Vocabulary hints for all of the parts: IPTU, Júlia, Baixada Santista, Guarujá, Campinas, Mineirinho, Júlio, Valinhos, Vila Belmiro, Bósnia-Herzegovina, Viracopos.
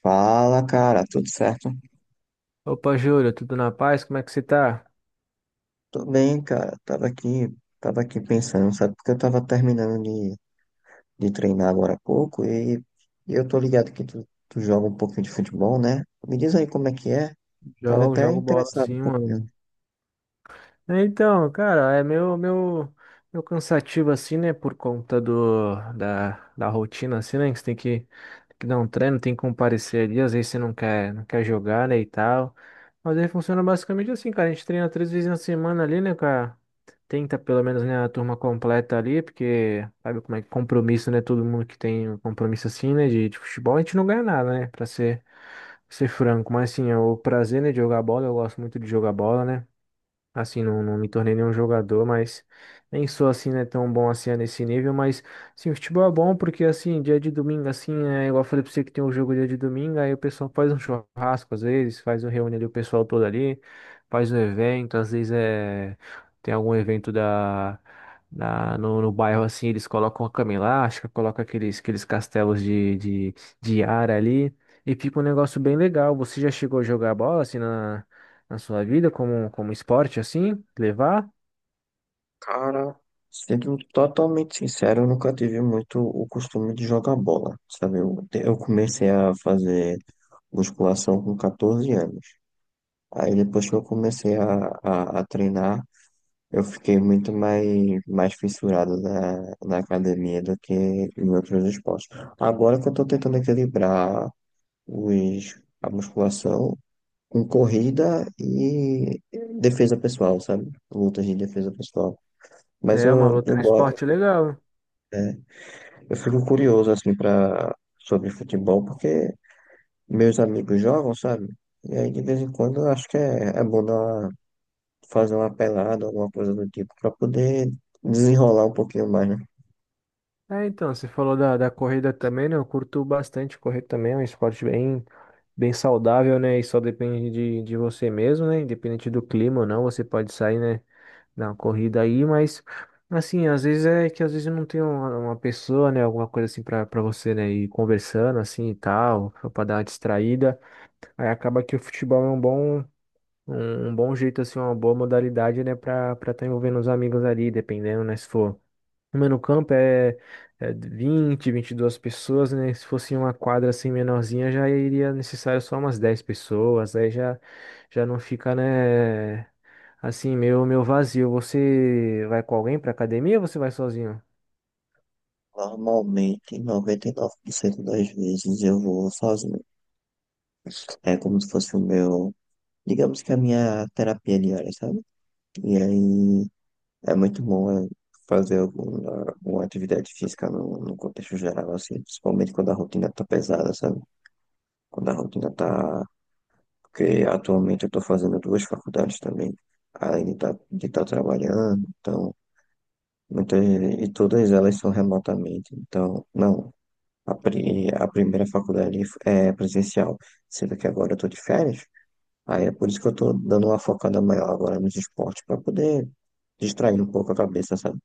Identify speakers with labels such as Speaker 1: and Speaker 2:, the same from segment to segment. Speaker 1: Fala, cara, tudo certo?
Speaker 2: Opa, Júlia, tudo na paz? Como é que você tá?
Speaker 1: Tudo bem, cara. Tava aqui pensando, sabe? Porque eu tava terminando de treinar agora há pouco e eu tô ligado que tu joga um pouquinho de futebol, né? Me diz aí como é que é. Tava
Speaker 2: Jogo,
Speaker 1: até
Speaker 2: jogo bola
Speaker 1: interessado um
Speaker 2: sim,
Speaker 1: pouquinho.
Speaker 2: mano. É, então, cara, é meu cansativo assim, né? Por conta da rotina, assim, né? Que você tem que dar um treino, tem que comparecer ali, às vezes você não quer jogar, né? E tal. Mas aí funciona basicamente assim, cara. A gente treina três vezes na semana ali, né, cara? Tenta pelo menos, né, a turma completa ali, porque sabe como é que compromisso, né? Todo mundo que tem um compromisso assim, né? De futebol, a gente não ganha nada, né? Pra ser franco. Mas assim, é o prazer, né, de jogar bola, eu gosto muito de jogar bola, né? Assim, não me tornei nenhum jogador, mas nem sou assim, né, tão bom assim é nesse nível, mas sim, o futebol é bom porque assim, dia de domingo, assim, é igual eu falei pra você que tem um jogo dia de domingo, aí o pessoal faz um churrasco às vezes, faz um reúne ali o pessoal todo ali, faz um evento, às vezes é tem algum evento da, da no, no bairro assim, eles colocam a cama elástica, colocam aqueles castelos de ar ali. E fica um negócio bem legal. Você já chegou a jogar bola assim na sua vida como, como esporte, assim, levar.
Speaker 1: Cara, sendo totalmente sincero, eu nunca tive muito o costume de jogar bola, sabe? Eu comecei a fazer musculação com 14 anos. Aí depois que eu comecei a treinar. Eu fiquei muito mais fissurado na academia do que em outros esportes. Agora que eu estou tentando equilibrar a musculação com corrida e defesa pessoal, sabe? Lutas de defesa pessoal. Mas
Speaker 2: É uma luta, é um
Speaker 1: gosto,
Speaker 2: esporte legal.
Speaker 1: né? Eu fico curioso, assim, sobre futebol, porque meus amigos jogam, sabe? E aí, de vez em quando, eu acho que é bom fazer uma pelada, alguma coisa do tipo, para poder desenrolar um pouquinho mais, né?
Speaker 2: É, então, você falou da corrida também, né? Eu curto bastante correr também, é um esporte bem, bem saudável, né? E só depende de você mesmo, né? Independente do clima ou não, você pode sair, né? Dar uma corrida aí, mas assim, às vezes é que às vezes eu não tem uma pessoa, né? Alguma coisa assim pra você, né? Ir conversando assim e tal, pra dar uma distraída. Aí acaba que o futebol é um bom. Um bom jeito, assim, uma boa modalidade, né, pra estar tá envolvendo os amigos ali, dependendo, né, se for. Uma no campo é, é 22 pessoas, né? Se fosse uma quadra assim menorzinha, já iria necessário só umas 10 pessoas, aí já não fica, né, assim, meio vazio. Você vai com alguém pra academia ou você vai sozinho?
Speaker 1: Normalmente, 99% das vezes eu vou sozinho. É como se fosse o meu, digamos que a minha terapia diária, sabe? E aí é muito fazer alguma atividade física no contexto geral, assim, principalmente quando a rotina tá pesada, sabe? Quando a rotina tá. Porque atualmente eu tô fazendo duas faculdades também, além de estar de tá trabalhando, então. Muitas, e todas elas são remotamente, então, não. A primeira faculdade é presencial, sendo que agora eu tô de férias. Aí é por isso que eu tô dando uma focada maior agora nos esportes, para poder distrair um pouco a cabeça, sabe?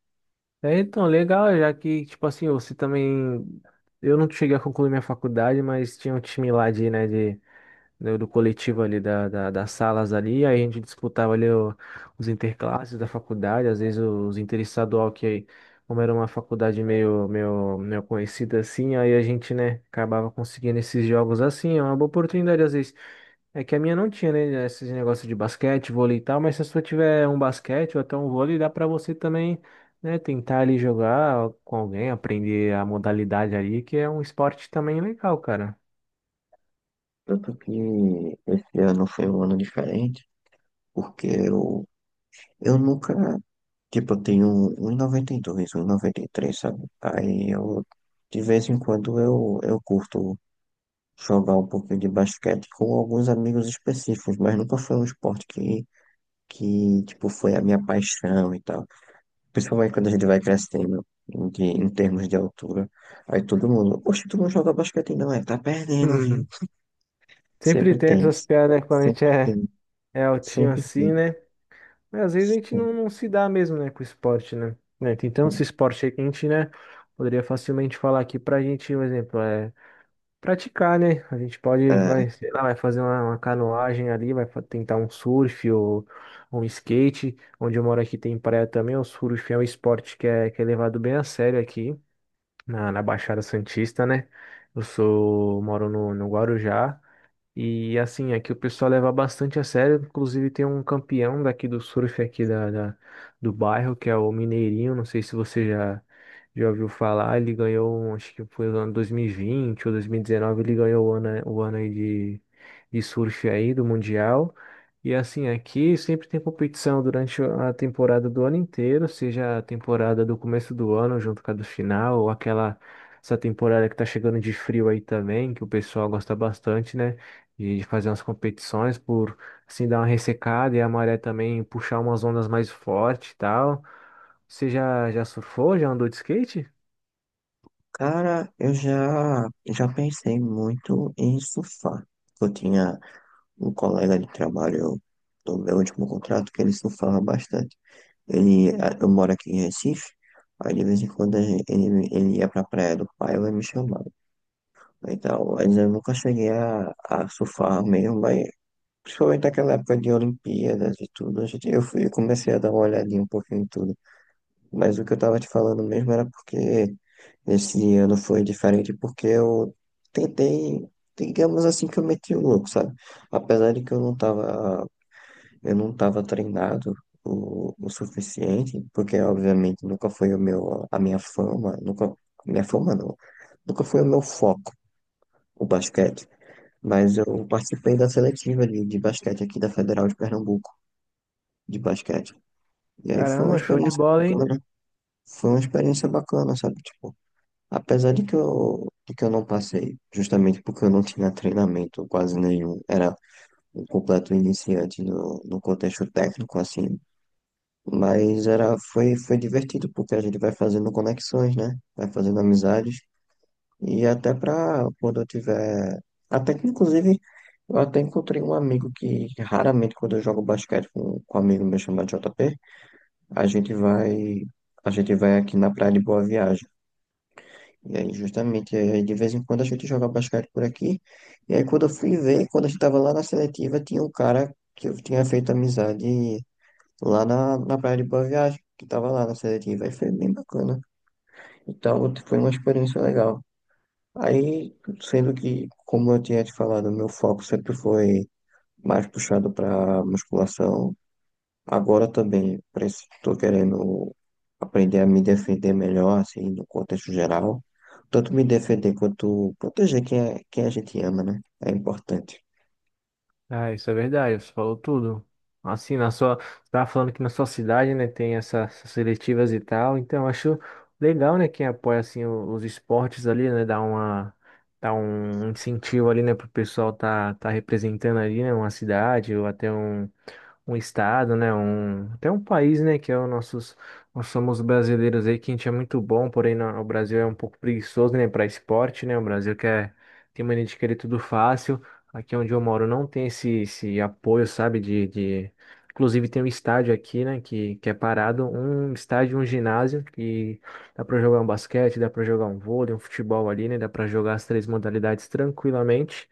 Speaker 2: É, então, legal, já que, tipo assim, você também. Eu não cheguei a concluir minha faculdade, mas tinha um time lá de né, do coletivo ali da das salas ali, aí a gente disputava ali o- os interclasses da faculdade, às vezes os interestadual que como era uma faculdade meio conhecida assim, aí a gente, né, acabava conseguindo esses jogos assim, é uma boa oportunidade às vezes. É que a minha não tinha, né, esses negócios de basquete, vôlei e tal, mas se a sua tiver um basquete ou até um vôlei, dá pra você também, né, tentar ali jogar com alguém, aprender a modalidade ali, que é um esporte também legal, cara.
Speaker 1: Tanto que esse ano foi um ano diferente, porque eu nunca. Tipo, eu tenho 1,92, 1,93, sabe? Aí eu, de vez em quando, eu curto jogar um pouquinho de basquete com alguns amigos específicos, mas nunca foi um esporte que, tipo, foi a minha paixão e tal. Principalmente quando a gente vai crescendo de, em termos de altura. Aí todo mundo, poxa, tu não joga basquete não, é, tá perdendo, viu?
Speaker 2: Sempre
Speaker 1: Sempre
Speaker 2: tem
Speaker 1: tem,
Speaker 2: essas piadas, né, quando a gente
Speaker 1: sempre
Speaker 2: é,
Speaker 1: tem,
Speaker 2: é altinho
Speaker 1: sempre
Speaker 2: assim,
Speaker 1: tem.
Speaker 2: né? Mas às vezes a gente não,
Speaker 1: Sempre
Speaker 2: não se dá mesmo, né, com o esporte, né? Né, tem tanto
Speaker 1: tem.
Speaker 2: esse esporte aí que a gente, né, poderia facilmente falar aqui pra gente, por exemplo, é praticar, né? A gente pode,
Speaker 1: É,
Speaker 2: vai, sei lá, vai fazer uma canoagem ali, tentar um surf ou um skate. Onde eu moro aqui tem praia também, o surf é um esporte que é levado bem a sério aqui na Baixada Santista, né? Eu sou, moro no Guarujá. E assim, aqui o pessoal leva bastante a sério. Inclusive tem um campeão daqui do surf aqui da, da- do bairro, que é o Mineirinho. Não sei se você já ouviu falar. Ele ganhou, um, acho que foi no ano 2020 ou 2019, ele ganhou o ano aí de surf aí do Mundial. E assim, aqui sempre tem competição durante a temporada do ano inteiro, seja a temporada do começo do ano junto com a do final, ou aquela essa temporada que tá chegando de frio aí também, que o pessoal gosta bastante, né? De fazer umas competições por assim dar uma ressecada e a maré também puxar umas ondas mais fortes e tal. Você já surfou? Já andou de skate?
Speaker 1: cara, já pensei muito em surfar. Eu tinha um colega de trabalho do meu último contrato que ele surfava bastante. Eu moro aqui em Recife, aí de vez em quando ele ia pra praia do pai, ela me chamava. Então, mas eu nunca cheguei a surfar mesmo, mas principalmente naquela época de Olimpíadas e tudo, eu fui, eu comecei a dar uma olhadinha um pouquinho em tudo. Mas o que eu tava te falando mesmo era porque esse ano foi diferente, porque eu tentei, digamos assim, que eu meti o louco, sabe? Apesar de que eu não estava treinado o suficiente, porque obviamente nunca foi o meu, a minha fama, nunca, minha fama não, nunca foi o meu foco, o basquete. Mas eu participei da seletiva de basquete aqui da Federal de Pernambuco, de basquete. E aí foi uma
Speaker 2: Caramba, show de
Speaker 1: experiência
Speaker 2: bola,
Speaker 1: bacana,
Speaker 2: hein?
Speaker 1: né? Foi uma experiência bacana, sabe? Tipo, apesar de de que eu não passei, justamente porque eu não tinha treinamento quase nenhum, era um completo iniciante no contexto técnico, assim. Mas foi divertido, porque a gente vai fazendo conexões, né? Vai fazendo amizades. E até pra quando eu tiver. Até que, inclusive, eu até encontrei um amigo que raramente, quando eu jogo basquete com um amigo meu chamado JP, a gente vai. A gente vai aqui na Praia de Boa Viagem. E aí, justamente, aí, de vez em quando a gente joga basquete por aqui. E aí, quando eu fui ver, quando a gente tava lá na seletiva, tinha um cara que eu tinha feito amizade lá na praia de Boa Viagem, que tava lá na seletiva, e foi bem bacana. Então, foi uma experiência legal. Aí, sendo que, como eu tinha te falado, meu foco sempre foi mais puxado para musculação, agora também estou querendo aprender a me defender melhor, assim, no contexto geral. Tanto me defender quanto proteger quem a gente ama, né? É importante.
Speaker 2: Ah, isso é verdade, você falou tudo. Assim, na sua, você tava falando que na sua cidade, né, tem essas seletivas e tal, então eu acho legal, né, quem apoia, assim, o- os esportes ali, né, dá uma, dá um incentivo ali, né, pro pessoal tá, tá representando ali, né, uma cidade ou até um um estado, né, um, até um país, né, que é o nossos, nós somos brasileiros aí, que a gente é muito bom, porém na- o Brasil é um pouco preguiçoso, né, para esporte, né, o Brasil quer, tem mania de querer tudo fácil, aqui onde eu moro não tem esse, esse apoio, sabe, de inclusive tem um estádio aqui, né, que é parado, um estádio, um ginásio, que dá para jogar um basquete, dá para jogar um vôlei, um futebol ali, né, dá para jogar as três modalidades tranquilamente,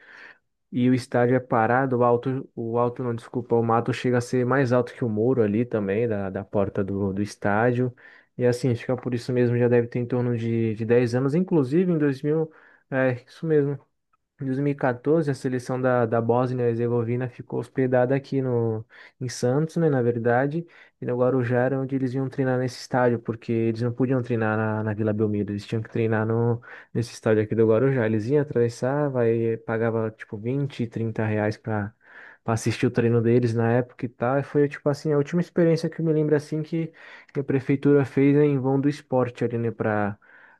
Speaker 2: e o estádio é parado, o alto não, desculpa, o mato chega a ser mais alto que o muro ali também, da porta do estádio. E assim, acho por isso mesmo já deve ter em torno de 10 anos, inclusive em 2000 é, isso mesmo, em 2014, a seleção da Bósnia-Herzegovina ficou hospedada aqui no, em Santos, né, na verdade, e no Guarujá era onde eles iam treinar nesse estádio, porque eles não podiam treinar na Vila Belmiro, eles tinham que treinar no, nesse estádio aqui do Guarujá. Eles iam atravessar, vai, pagava tipo 20, R$ 30 para assistir o treino deles na época e tal, e foi tipo assim, a última experiência que eu me lembro assim que a prefeitura fez né, em vão do esporte ali, né,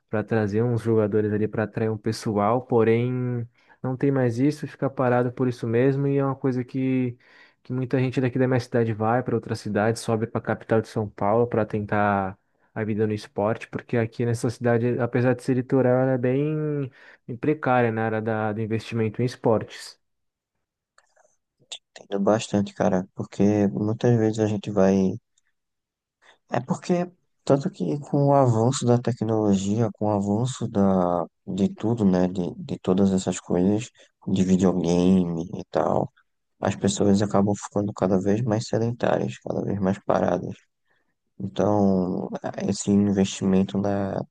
Speaker 2: para trazer uns jogadores ali para atrair um pessoal, porém não tem mais isso, fica parado por isso mesmo, e é uma coisa que muita gente daqui da minha cidade vai para outra cidade, sobe para a capital de São Paulo para tentar a vida no esporte, porque aqui nessa cidade, apesar de ser litoral, ela é bem, bem precária né, na área do investimento em esportes.
Speaker 1: Entendo bastante, cara, porque muitas vezes a gente vai. É porque, tanto que com o avanço da tecnologia, com o avanço de tudo, né, de todas essas coisas, de videogame e tal, as pessoas acabam ficando cada vez mais sedentárias, cada vez mais paradas. Então, esse investimento na,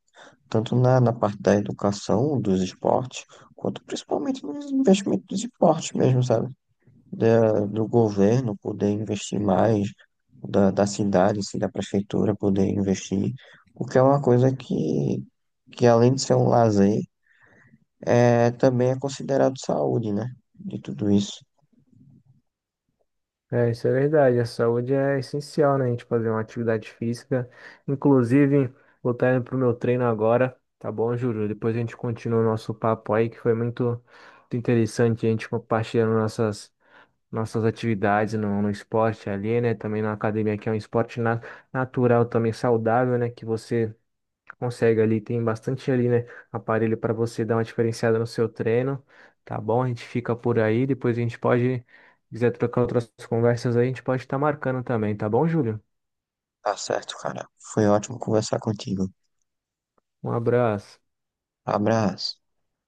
Speaker 1: tanto na parte da educação, dos esportes, quanto principalmente nos investimentos dos esportes mesmo, sabe? Do governo poder investir mais, da cidade, se da prefeitura poder investir, porque é uma coisa que além de ser um lazer, é, também é considerado saúde, né? De tudo isso.
Speaker 2: É, isso é verdade. A saúde é essencial, né? A gente fazer uma atividade física. Inclusive, vou estar indo pro meu treino agora, tá bom, Júlio? Depois a gente continua o nosso papo aí, que foi muito interessante a gente compartilhando nossas atividades no, no esporte ali, né? Também na academia, que é um esporte natural, também saudável, né? Que você consegue ali, tem bastante ali, né? Aparelho para você dar uma diferenciada no seu treino, tá bom? A gente fica por aí, depois a gente pode, se quiser trocar outras conversas aí, a gente pode estar marcando também, tá bom, Júlio?
Speaker 1: Tá certo, cara. Foi ótimo conversar contigo.
Speaker 2: Um abraço.
Speaker 1: Abraço.